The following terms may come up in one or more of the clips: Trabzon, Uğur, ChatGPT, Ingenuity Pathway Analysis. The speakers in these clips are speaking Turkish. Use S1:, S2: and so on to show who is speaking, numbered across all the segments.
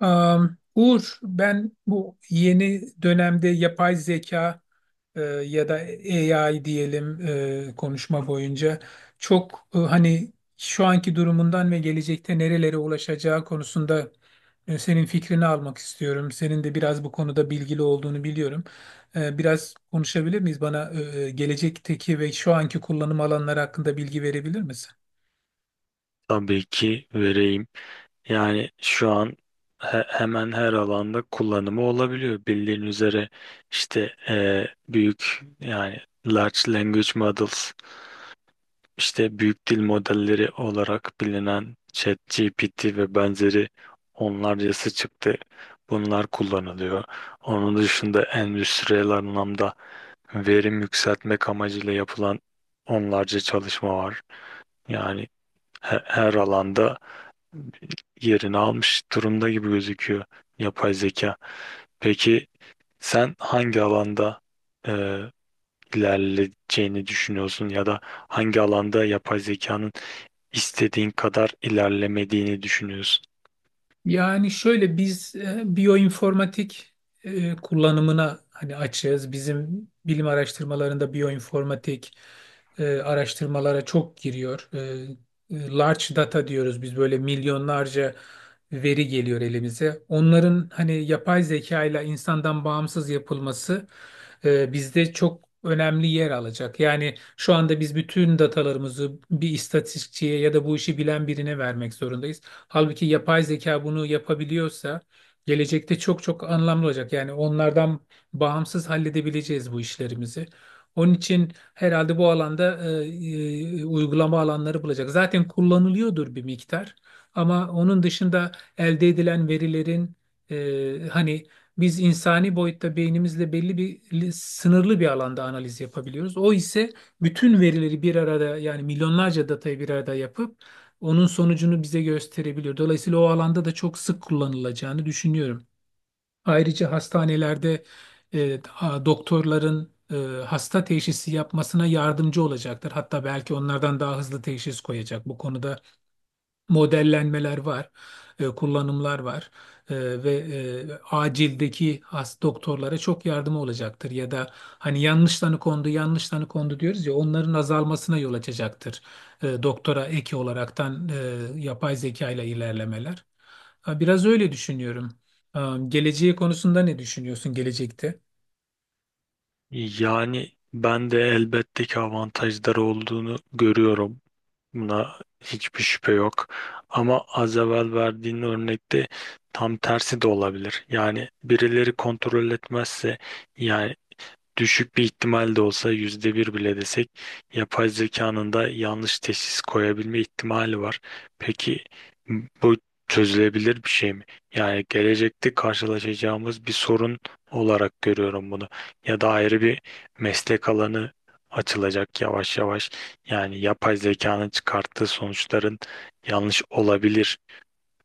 S1: Uğur, ben bu yeni dönemde yapay zeka ya da AI diyelim, konuşma boyunca çok, hani şu anki durumundan ve gelecekte nerelere ulaşacağı konusunda, senin fikrini almak istiyorum. Senin de biraz bu konuda bilgili olduğunu biliyorum. Biraz konuşabilir miyiz? Bana gelecekteki ve şu anki kullanım alanları hakkında bilgi verebilir misin?
S2: Tabii ki vereyim. Yani şu an hemen her alanda kullanımı olabiliyor. Bildiğin üzere işte büyük yani large language models, işte büyük dil modelleri olarak bilinen ChatGPT ve benzeri onlarcası çıktı. Bunlar kullanılıyor. Onun dışında endüstriyel anlamda verim yükseltmek amacıyla yapılan onlarca çalışma var. Yani her alanda yerini almış durumda gibi gözüküyor yapay zeka. Peki sen hangi alanda e, ilerleyeceğini düşünüyorsun ya da hangi alanda yapay zekanın istediğin kadar ilerlemediğini düşünüyorsun?
S1: Yani şöyle biz biyoinformatik kullanımına hani açığız. Bizim bilim araştırmalarında biyoinformatik araştırmalara çok giriyor. Large data diyoruz biz, böyle milyonlarca veri geliyor elimize. Onların hani yapay zeka ile insandan bağımsız yapılması, bizde çok önemli yer alacak. Yani şu anda biz bütün datalarımızı bir istatistikçiye ya da bu işi bilen birine vermek zorundayız. Halbuki yapay zeka bunu yapabiliyorsa gelecekte çok çok anlamlı olacak. Yani onlardan bağımsız halledebileceğiz bu işlerimizi. Onun için herhalde bu alanda uygulama alanları bulacak. Zaten kullanılıyordur bir miktar, ama onun dışında elde edilen verilerin, hani, biz insani boyutta beynimizle belli bir sınırlı bir alanda analiz yapabiliyoruz. O ise bütün verileri bir arada, yani milyonlarca datayı bir arada yapıp onun sonucunu bize gösterebiliyor. Dolayısıyla o alanda da çok sık kullanılacağını düşünüyorum. Ayrıca hastanelerde e, doktorların hasta teşhisi yapmasına yardımcı olacaktır. Hatta belki onlardan daha hızlı teşhis koyacak. Bu konuda modellenmeler var, kullanımlar var. E, Ve acildeki doktorlara çok yardımı olacaktır, ya da hani yanlış tanı kondu, yanlış tanı kondu diyoruz ya, onların azalmasına yol açacaktır. Doktora eki olaraktan, yapay zeka ile ilerlemeler. Ha, biraz öyle düşünüyorum. Geleceği konusunda ne düşünüyorsun gelecekte?
S2: Yani ben de elbette ki avantajları olduğunu görüyorum. Buna hiçbir şüphe yok. Ama az evvel verdiğin örnekte tam tersi de olabilir. Yani birileri kontrol etmezse, yani düşük bir ihtimal de olsa, yüzde bir bile desek, yapay zekanın da yanlış teşhis koyabilme ihtimali var. Peki bu çözülebilir bir şey mi? Yani gelecekte karşılaşacağımız bir sorun olarak görüyorum bunu. Ya da ayrı bir meslek alanı açılacak yavaş yavaş. Yani yapay zekanın çıkarttığı sonuçların yanlış olabilir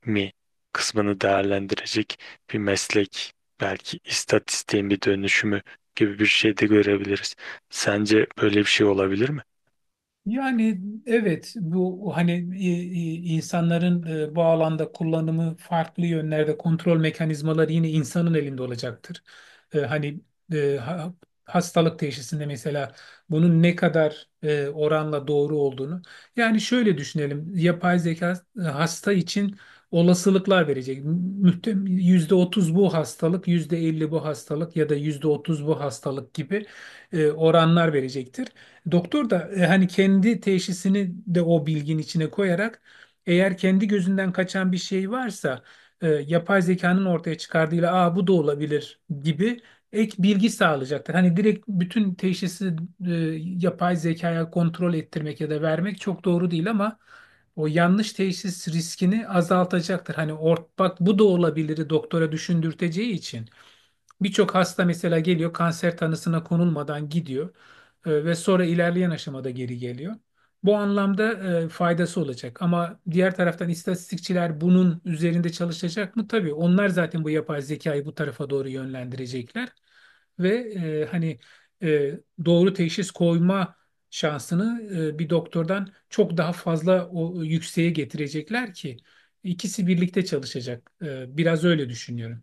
S2: mi kısmını değerlendirecek bir meslek, belki istatistiğin bir dönüşümü gibi bir şey de görebiliriz. Sence böyle bir şey olabilir mi?
S1: Yani evet bu hani, e, insanların, bu alanda kullanımı farklı yönlerde kontrol mekanizmaları yine insanın elinde olacaktır. Hani, e, ha- hastalık teşhisinde mesela bunun ne kadar oranla doğru olduğunu. Yani şöyle düşünelim, yapay zeka hasta için olasılıklar verecek. Yüzde otuz bu hastalık, %50 bu hastalık ya da %30 bu hastalık gibi oranlar verecektir. Doktor da hani kendi teşhisini de o bilgin içine koyarak, eğer kendi gözünden kaçan bir şey varsa, yapay zekanın ortaya çıkardığıyla, aa bu da olabilir gibi, ek bilgi sağlayacaktır. Hani direkt bütün teşhisi e, yapay zekaya kontrol ettirmek ya da vermek çok doğru değil, ama o yanlış teşhis riskini azaltacaktır. Hani bak bu da olabilir, doktora düşündürteceği için. Birçok hasta mesela geliyor, kanser tanısına konulmadan gidiyor, ve sonra ilerleyen aşamada geri geliyor. Bu anlamda faydası olacak, ama diğer taraftan istatistikçiler bunun üzerinde çalışacak mı? Tabii onlar zaten bu yapay zekayı bu tarafa doğru yönlendirecekler ve hani e, doğru teşhis koyma şansını bir doktordan çok daha fazla o yükseğe getirecekler ki, ikisi birlikte çalışacak. Biraz öyle düşünüyorum.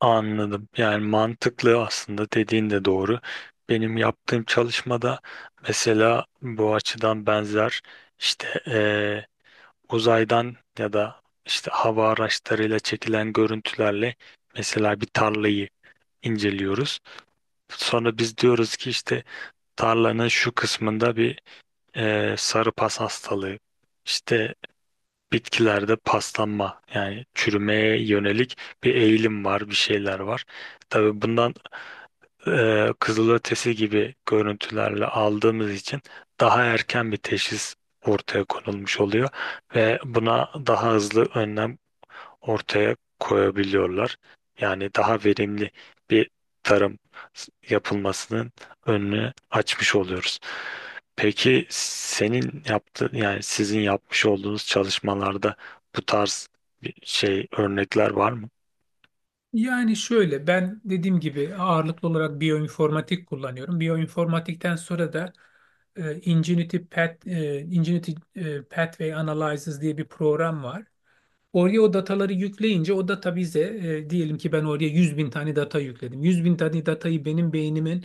S2: Anladım. Yani mantıklı, aslında dediğin de doğru. Benim yaptığım çalışmada mesela bu açıdan benzer işte, uzaydan ya da işte hava araçlarıyla çekilen görüntülerle mesela bir tarlayı inceliyoruz. Sonra biz diyoruz ki işte tarlanın şu kısmında bir sarı pas hastalığı, işte bitkilerde paslanma yani çürümeye yönelik bir eğilim var, bir şeyler var. Tabii bundan kızılötesi gibi görüntülerle aldığımız için daha erken bir teşhis ortaya konulmuş oluyor ve buna daha hızlı önlem ortaya koyabiliyorlar. Yani daha verimli bir tarım yapılmasının önünü açmış oluyoruz. Peki senin yaptığın, yani sizin yapmış olduğunuz çalışmalarda bu tarz bir şey, örnekler var mı?
S1: Yani şöyle, ben dediğim gibi ağırlıklı olarak biyoinformatik kullanıyorum. Biyoinformatikten sonra da, e, Ingenuity Pathway Analysis diye bir program var. Oraya o dataları yükleyince o data bize, diyelim ki ben oraya 100 bin tane data yükledim. 100 bin tane datayı benim beynimin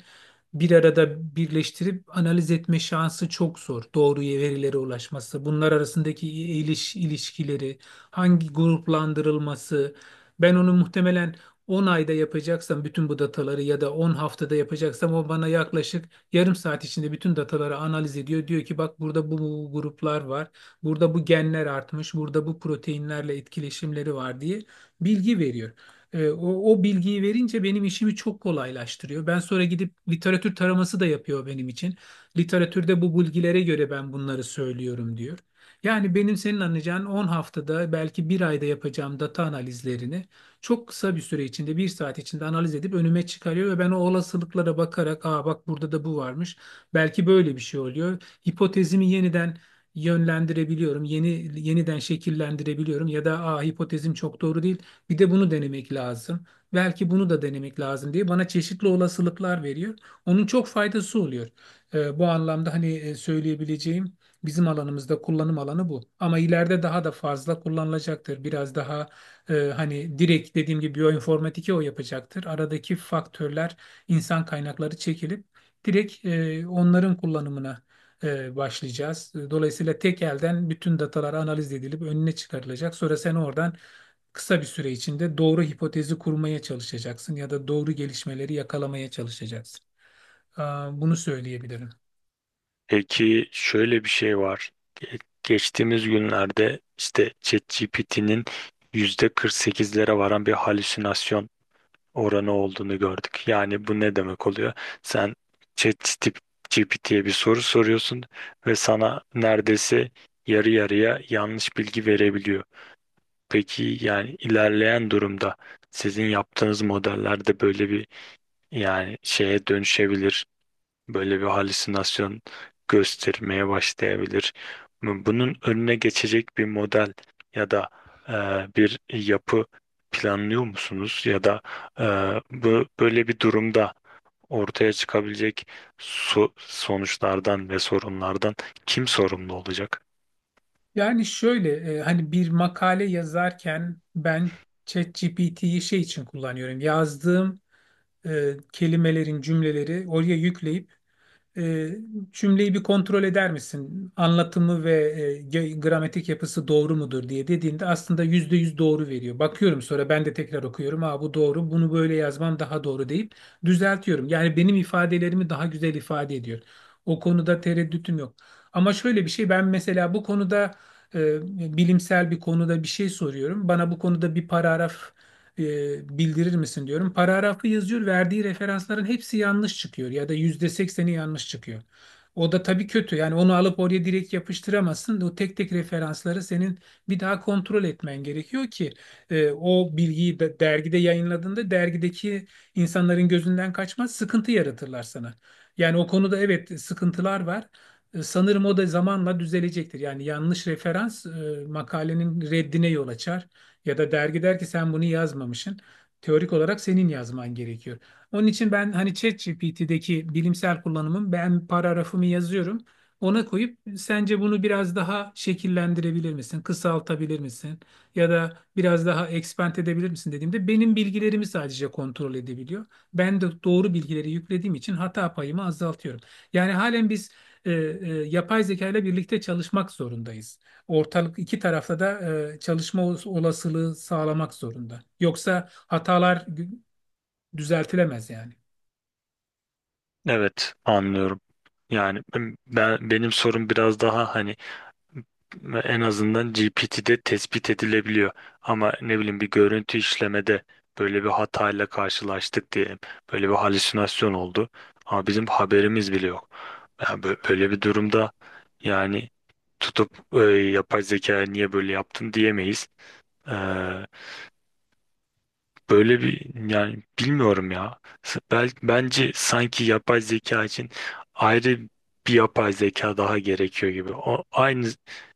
S1: bir arada birleştirip analiz etme şansı çok zor. Doğru verilere ulaşması, bunlar arasındaki ilişkileri, hangi gruplandırılması. Ben onu muhtemelen 10 ayda yapacaksam bütün bu dataları, ya da 10 haftada yapacaksam, o bana yaklaşık yarım saat içinde bütün dataları analiz ediyor. Diyor ki bak, burada bu gruplar var. Burada bu genler artmış, burada bu proteinlerle etkileşimleri var diye bilgi veriyor. O bilgiyi verince benim işimi çok kolaylaştırıyor. Ben sonra gidip literatür taraması da yapıyor benim için. Literatürde bu bilgilere göre ben bunları söylüyorum, diyor. Yani benim senin anlayacağın, 10 haftada belki bir ayda yapacağım data analizlerini çok kısa bir süre içinde, bir saat içinde analiz edip önüme çıkarıyor, ve ben o olasılıklara bakarak, aa bak burada da bu varmış, belki böyle bir şey oluyor. Hipotezimi yeniden yönlendirebiliyorum. Yeniden şekillendirebiliyorum, ya da a, hipotezim çok doğru değil. Bir de bunu denemek lazım. Belki bunu da denemek lazım diye bana çeşitli olasılıklar veriyor. Onun çok faydası oluyor. Bu anlamda hani, söyleyebileceğim, bizim alanımızda kullanım alanı bu. Ama ileride daha da fazla kullanılacaktır. Biraz daha hani direkt dediğim gibi biyoinformatike o yapacaktır. Aradaki faktörler, insan kaynakları çekilip direkt, onların kullanımına başlayacağız. Dolayısıyla tek elden bütün datalar analiz edilip önüne çıkarılacak. Sonra sen oradan kısa bir süre içinde doğru hipotezi kurmaya çalışacaksın, ya da doğru gelişmeleri yakalamaya çalışacaksın. Aa, bunu söyleyebilirim.
S2: Peki şöyle bir şey var. Geçtiğimiz günlerde işte ChatGPT'nin yüzde %48'lere varan bir halüsinasyon oranı olduğunu gördük. Yani bu ne demek oluyor? Sen ChatGPT'ye bir soru soruyorsun ve sana neredeyse yarı yarıya yanlış bilgi verebiliyor. Peki yani ilerleyen durumda sizin yaptığınız modellerde böyle bir, yani şeye dönüşebilir, böyle bir halüsinasyon göstermeye başlayabilir. Bunun önüne geçecek bir model ya da e, bir yapı planlıyor musunuz? Ya da e, bu, böyle bir durumda ortaya çıkabilecek sonuçlardan ve sorunlardan kim sorumlu olacak?
S1: Yani şöyle, hani bir makale yazarken, ben ChatGPT'yi şey için kullanıyorum. Yazdığım kelimelerin cümleleri oraya yükleyip, E, cümleyi bir kontrol eder misin, anlatımı ve gramatik yapısı doğru mudur diye dediğinde aslında %100 doğru veriyor. Bakıyorum sonra, ben de tekrar okuyorum. Aa bu doğru, bunu böyle yazmam daha doğru deyip düzeltiyorum. Yani benim ifadelerimi daha güzel ifade ediyor. O konuda tereddütüm yok. Ama şöyle bir şey, ben mesela bu konuda bilimsel bir konuda bir şey soruyorum. Bana bu konuda bir paragraf bildirir misin diyorum. Paragrafı yazıyor, verdiği referansların hepsi yanlış çıkıyor, ya da %80'i yanlış çıkıyor. O da tabii kötü. Yani onu alıp oraya direkt yapıştıramazsın. O tek tek referansları senin bir daha kontrol etmen gerekiyor ki, o bilgiyi de, dergide yayınladığında dergideki insanların gözünden kaçmaz, sıkıntı yaratırlar sana. Yani o konuda evet, sıkıntılar var. Sanırım o da zamanla düzelecektir. Yani yanlış referans, makalenin reddine yol açar, ya da dergi der ki sen bunu yazmamışsın. Teorik olarak senin yazman gerekiyor. Onun için, ben hani ChatGPT'deki bilimsel kullanımım, ben paragrafımı yazıyorum. Ona koyup sence bunu biraz daha şekillendirebilir misin? Kısaltabilir misin? Ya da biraz daha expand edebilir misin dediğimde, benim bilgilerimi sadece kontrol edebiliyor. Ben de doğru bilgileri yüklediğim için hata payımı azaltıyorum. Yani halen biz e, e, yapay zeka ile birlikte çalışmak zorundayız. Ortalık iki tarafta da çalışma olasılığı sağlamak zorunda. Yoksa hatalar düzeltilemez yani.
S2: Evet, anlıyorum. Yani ben, benim sorum biraz daha hani. Ve en azından GPT'de tespit edilebiliyor. Ama ne bileyim, bir görüntü işlemede böyle bir hatayla karşılaştık diyelim. Böyle bir halüsinasyon oldu. Ama bizim haberimiz bile yok. Yani böyle bir durumda, yani tutup yapay zeka niye böyle yaptın diyemeyiz. Böyle bir, yani bilmiyorum ya. Bence sanki yapay zeka için ayrı bir yapay zeka daha gerekiyor gibi. O aynı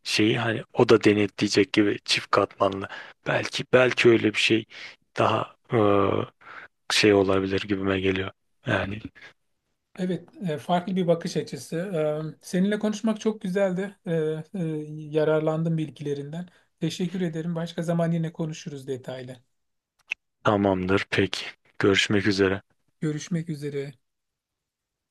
S2: şeyi, hani o da denetleyecek gibi, çift katmanlı. Belki öyle bir şey daha şey olabilir gibime geliyor. Yani
S1: Evet, farklı bir bakış açısı. Seninle konuşmak çok güzeldi. Yararlandım bilgilerinden. Teşekkür ederim. Başka zaman yine konuşuruz detaylı.
S2: tamamdır peki. Görüşmek üzere.
S1: Görüşmek üzere.